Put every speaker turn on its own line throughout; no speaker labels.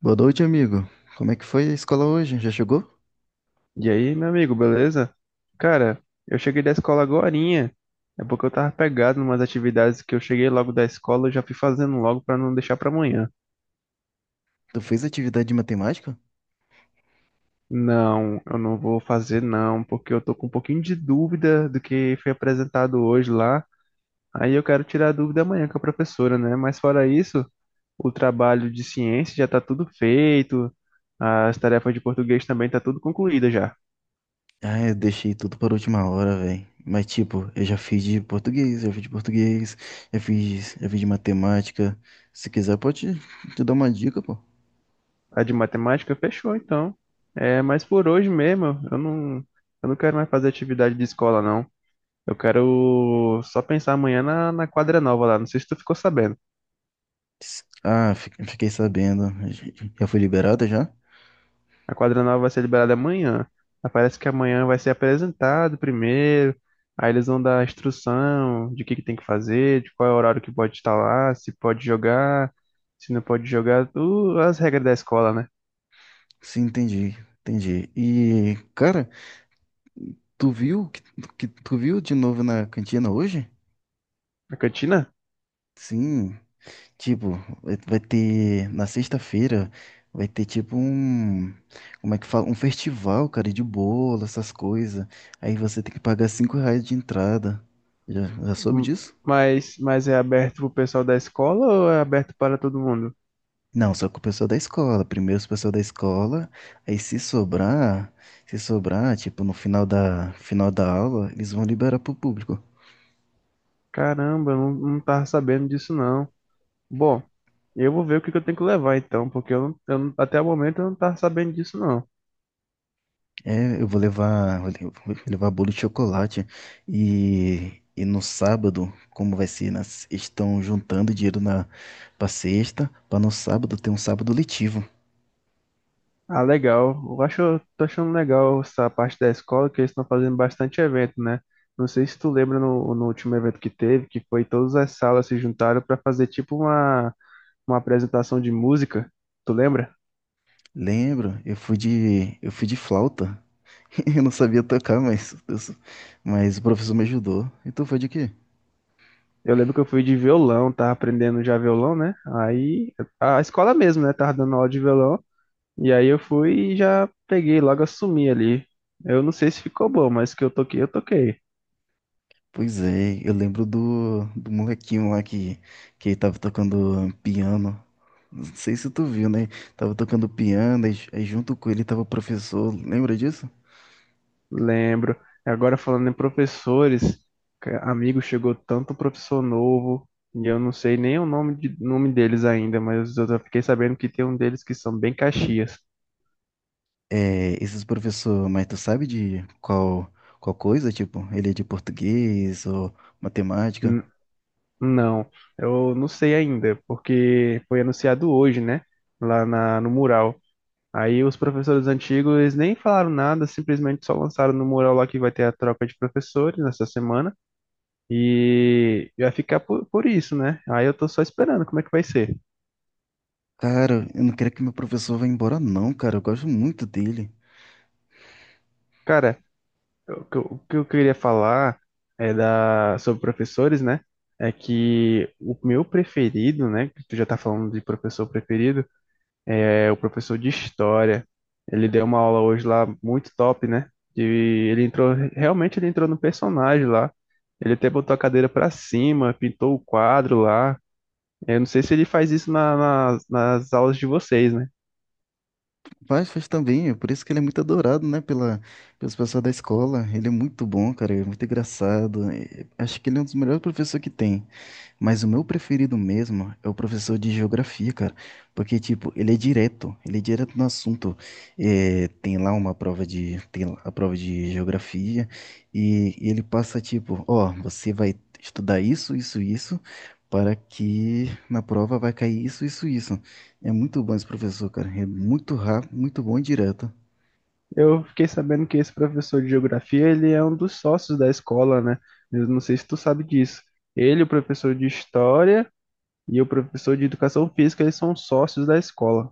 Boa noite, amigo. Como é que foi a escola hoje? Já chegou?
E aí, meu amigo, beleza? Cara, eu cheguei da escola agorinha. É porque eu tava pegado numas atividades que eu cheguei logo da escola, eu já fui fazendo logo pra não deixar pra amanhã.
Tu fez atividade de matemática?
Não, eu não vou fazer não, porque eu tô com um pouquinho de dúvida do que foi apresentado hoje lá. Aí eu quero tirar a dúvida amanhã com a professora, né? Mas fora isso, o trabalho de ciência já tá tudo feito, as tarefas de português também tá tudo concluída já.
Ah, eu deixei tudo para a última hora, velho. Mas tipo, eu já fiz de português, já fiz de matemática. Se quiser, pode te dar uma dica, pô.
A de matemática fechou, então. É, mas por hoje mesmo, eu não quero mais fazer atividade de escola, não. Eu quero só pensar amanhã na quadra nova lá. Não sei se tu ficou sabendo.
Ah, fiquei sabendo. Já foi liberada já?
A quadra nova vai ser liberada amanhã. Mas parece que amanhã vai ser apresentado primeiro. Aí eles vão dar a instrução de o que que tem que fazer, de qual é o horário que pode estar lá, se pode jogar, se não pode jogar, tu, as regras da escola, né?
Sim, entendi. E, cara, tu viu que, que tu viu de novo na cantina hoje?
A cantina?
Sim. Tipo, vai ter na sexta-feira vai ter tipo um, como é que fala? Um festival, cara, de bolo, essas coisas. Aí você tem que pagar 5 reais de entrada. Já soube
M-
disso?
mas é aberto pro pessoal da escola ou é aberto para todo mundo?
Não, só com o pessoal da escola. Primeiro os pessoal da escola, aí se sobrar, tipo, no final da aula, eles vão liberar pro público.
Caramba, eu não, não tava sabendo disso não. Bom, eu vou ver o que que eu tenho que levar então, porque eu não- até o momento eu não tava sabendo disso não.
É, eu vou levar, vou levar bolo de chocolate e no sábado, como vai ser, na se- estão juntando dinheiro na para sexta, para no sábado ter um sábado letivo.
Ah, legal. Eu acho, eu tô achando legal essa parte da escola, que eles estão fazendo bastante evento, né? Não sei se tu lembra no último evento que teve, que foi todas as salas se juntaram para fazer tipo uma apresentação de música. Tu lembra?
Lembro, eu fui de flauta. Eu não sabia tocar, mas o professor me ajudou. Então foi de quê?
Eu lembro que eu fui de violão, tava aprendendo já violão, né? Aí a escola mesmo, né? Tava dando aula de violão. E aí eu fui e já peguei, logo assumi ali. Eu não sei se ficou bom, mas que eu toquei, eu toquei.
Pois é, eu lembro do molequinho lá que tava tocando piano. Não sei se tu viu, né? Tava tocando piano, aí junto com ele tava o professor, lembra disso?
Lembro. Agora falando em professores, amigo, chegou tanto professor novo, e eu não sei nem o nome, nome deles ainda, mas eu já fiquei sabendo que tem um deles que são bem Caxias.
É, esses professor, mas tu sabe de qual, qual coisa? Tipo, ele é de português ou matemática?
N- não, eu não sei ainda, porque foi anunciado hoje, né? No mural. Aí os professores antigos eles nem falaram nada, simplesmente só lançaram no mural lá que vai ter a troca de professores nessa semana e vai ficar por isso, né? Aí eu tô só esperando como é que vai ser.
Cara, eu não quero que meu professor vá embora, não, cara. Eu gosto muito dele.
Cara, o que eu queria falar é da sobre professores, né? É que o meu preferido, né? Que tu já tá falando de professor preferido, é, o professor de história. Ele deu uma aula hoje lá muito top, né? E ele entrou, realmente ele entrou no personagem lá. Ele até botou a cadeira para cima, pintou o quadro lá. Eu não sei se ele faz isso nas aulas de vocês, né?
Faz, faz também, é por isso que ele é muito adorado, né? Pelas pessoas da escola. Ele é muito bom, cara. Ele é muito engraçado. Acho que ele é um dos melhores professores que tem. Mas o meu preferido mesmo é o professor de geografia, cara. Porque, tipo, ele é direto no assunto. É, tem lá a prova de geografia e, ele passa, tipo, ó, você vai estudar isso, isso, isso, para que na prova vai cair isso, isso, isso. É muito bom esse professor, cara. É muito rápido, muito bom e direto.
Eu fiquei sabendo que esse professor de geografia, ele é um dos sócios da escola, né? Eu não sei se tu sabe disso. Ele, o professor de história e o professor de educação física, eles são sócios da escola.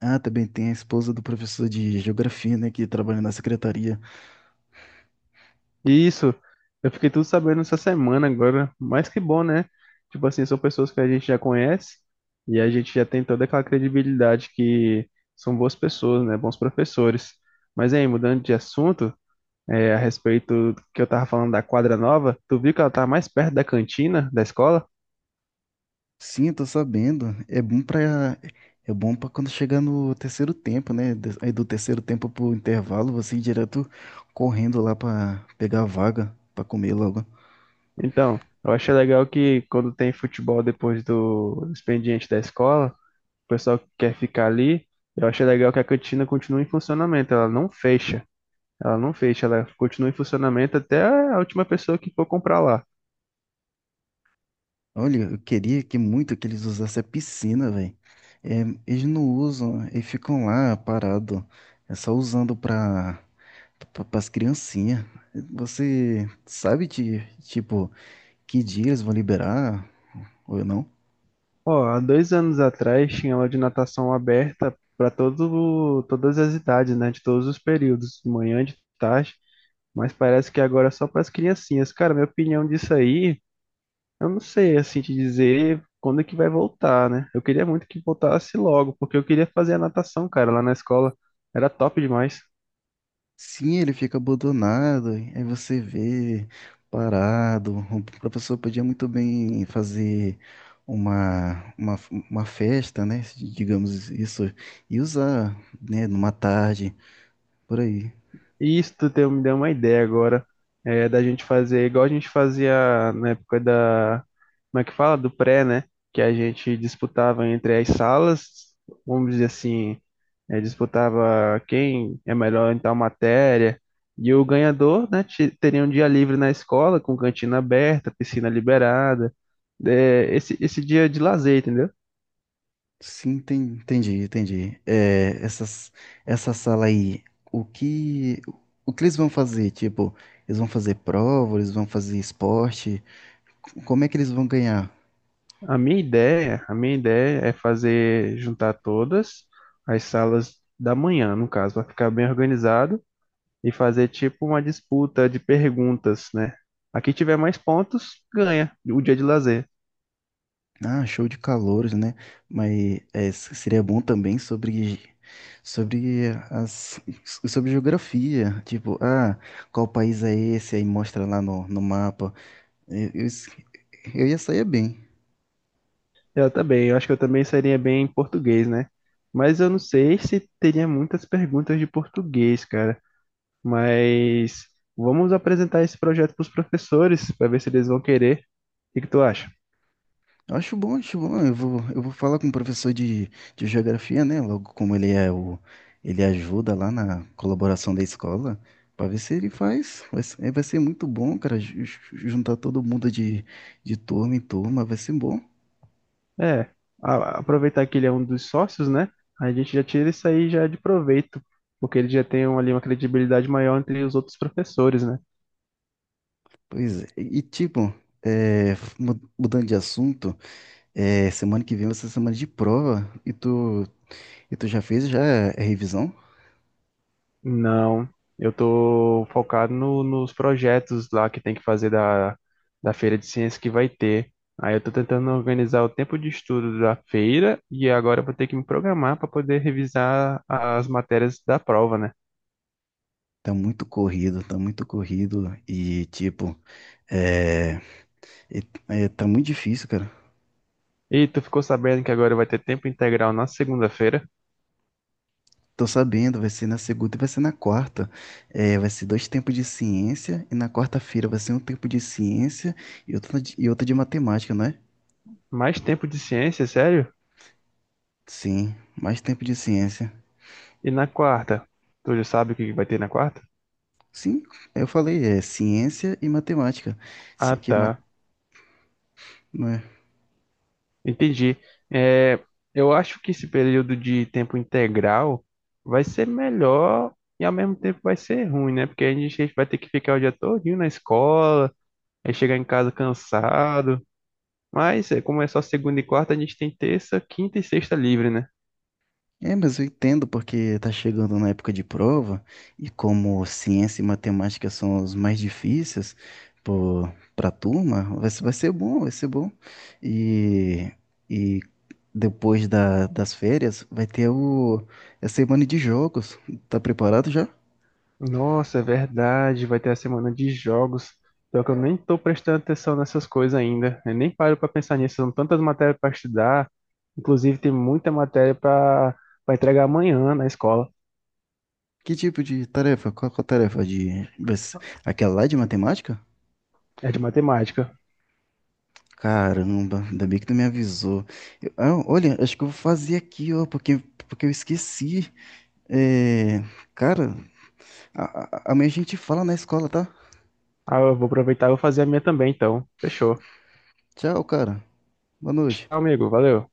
Ah, também tem a esposa do professor de geografia, né, que trabalha na secretaria.
Isso, eu fiquei tudo sabendo essa semana agora, mas que bom, né? Tipo assim, são pessoas que a gente já conhece e a gente já tem toda aquela credibilidade que são boas pessoas, né? Bons professores. Mas aí, mudando de assunto, é, a respeito do que eu tava falando da quadra nova, tu viu que ela tá mais perto da cantina da escola?
Sim, eu tô sabendo. É bom pra é bom para quando chegar no terceiro tempo, né? Aí do terceiro tempo pro intervalo, você ir direto correndo lá pra pegar a vaga pra comer logo.
Então, eu achei legal que quando tem futebol depois do expediente da escola, o pessoal que quer ficar ali, eu achei legal que a cantina continua em funcionamento, ela não fecha. Ela não fecha, ela continua em funcionamento até a última pessoa que for comprar lá.
Olha, eu queria que muito que eles usassem a piscina, velho. É, eles não usam, eles ficam lá parado. É só usando pra para as criancinhas. Você sabe de tipo que dia eles vão liberar ou não?
Ó, há dois anos atrás tinha aula de natação aberta para todas as idades, né? De todos os períodos, de manhã, de tarde, mas parece que agora é só para as criancinhas. Cara, minha opinião disso aí, eu não sei assim te dizer quando é que vai voltar, né? Eu queria muito que voltasse logo, porque eu queria fazer a natação, cara, lá na escola. Era top demais.
Sim, ele fica abandonado, aí você vê parado. O professor podia muito bem fazer uma, uma, uma festa, né? Digamos isso, e usar, né? Numa tarde, por aí.
E me deu uma ideia agora, é, da gente fazer igual a gente fazia na época da, como é que fala? Do pré, né? Que a gente disputava entre as salas, vamos dizer assim, é, disputava quem é melhor em tal matéria, e o ganhador, né, teria um dia livre na escola, com cantina aberta, piscina liberada, é, esse dia de lazer, entendeu?
Sim, entendi, entendi. É, essa sala aí, o que, o que eles vão fazer? Tipo, eles vão fazer prova, eles vão fazer esporte? Como é que eles vão ganhar?
A minha ideia é fazer juntar todas as salas da manhã, no caso, para ficar bem organizado e fazer tipo uma disputa de perguntas, né? A que tiver mais pontos ganha o dia de lazer.
Ah, show de calouros, né? Seria bom também sobre as, sobre geografia, tipo, ah, qual país é esse? Aí mostra lá no mapa. Eu, eu, s- eu ia sair bem.
Eu também, eu acho que eu também seria bem em português, né? Mas eu não sei se teria muitas perguntas de português, cara. Mas vamos apresentar esse projeto para os professores para ver se eles vão querer. O que que tu acha?
Eu acho bom, acho bom. Eu vou falar com o professor de geografia, né? Logo como ele ajuda lá na colaboração da escola, para ver se ele faz. Vai ser muito bom, cara, juntar todo mundo de turma em turma, vai ser bom.
É, aproveitar que ele é um dos sócios, né? A gente já tira isso aí já de proveito, porque ele já tem ali uma credibilidade maior entre os outros professores, né?
Pois é, e tipo, é, mudando de assunto, é, semana que vem vai ser semana de prova e tu já fez já a revisão?
Não, eu tô focado nos projetos lá que tem que fazer da, da feira de ciência que vai ter. Aí eu tô tentando organizar o tempo de estudo da feira e agora eu vou ter que me programar para poder revisar as matérias da prova, né?
Tá muito corrido e tipo, é, e- é, tá muito difícil, cara.
E tu ficou sabendo que agora vai ter tempo integral na segunda-feira?
Tô sabendo, vai ser na segunda e vai ser na quarta. É, vai ser dois tempos de ciência e na quarta-feira vai ser um tempo de ciência e outra e outra de matemática, não é?
Mais tempo de ciência, sério?
Sim, mais tempo de ciência.
E na quarta? Tu já sabe o que vai ter na quarta?
Sim, eu falei, é ciência e matemática. Só
Ah,
que ma-
tá.
ma-
Entendi. É, eu acho que esse período de tempo integral vai ser melhor e ao mesmo tempo vai ser ruim, né? Porque a gente vai ter que ficar o dia todinho na escola, aí chegar em casa cansado. Mas é, como é só segunda e quarta, a gente tem terça, quinta e sexta livre, né?
É, mas eu entendo porque tá chegando na época de prova e como ciência e matemática são os mais difíceis pro- pra turma, vai ser bom, vai ser bom. E, e depois das férias vai ter a semana de jogos. Tá preparado já?
Nossa, é verdade, vai ter a semana de jogos. Só que eu nem tô prestando atenção nessas coisas ainda. Eu nem paro pra pensar nisso. São tantas matérias pra estudar. Inclusive, tem muita matéria pra para entregar amanhã na escola.
Que tipo de tarefa? Qual, qual a tarefa de, vai ser aquela lá de matemática?
É de matemática.
Caramba, ainda bem que tu me avisou. Ah, olha, acho que eu vou fazer aqui, ó, porque, porque eu esqueci. É, cara, amanhã a gente fala na escola, tá?
Ah, eu vou aproveitar e vou fazer a minha também, então. Fechou.
Tchau, cara. Boa noite.
Tchau, amigo. Valeu.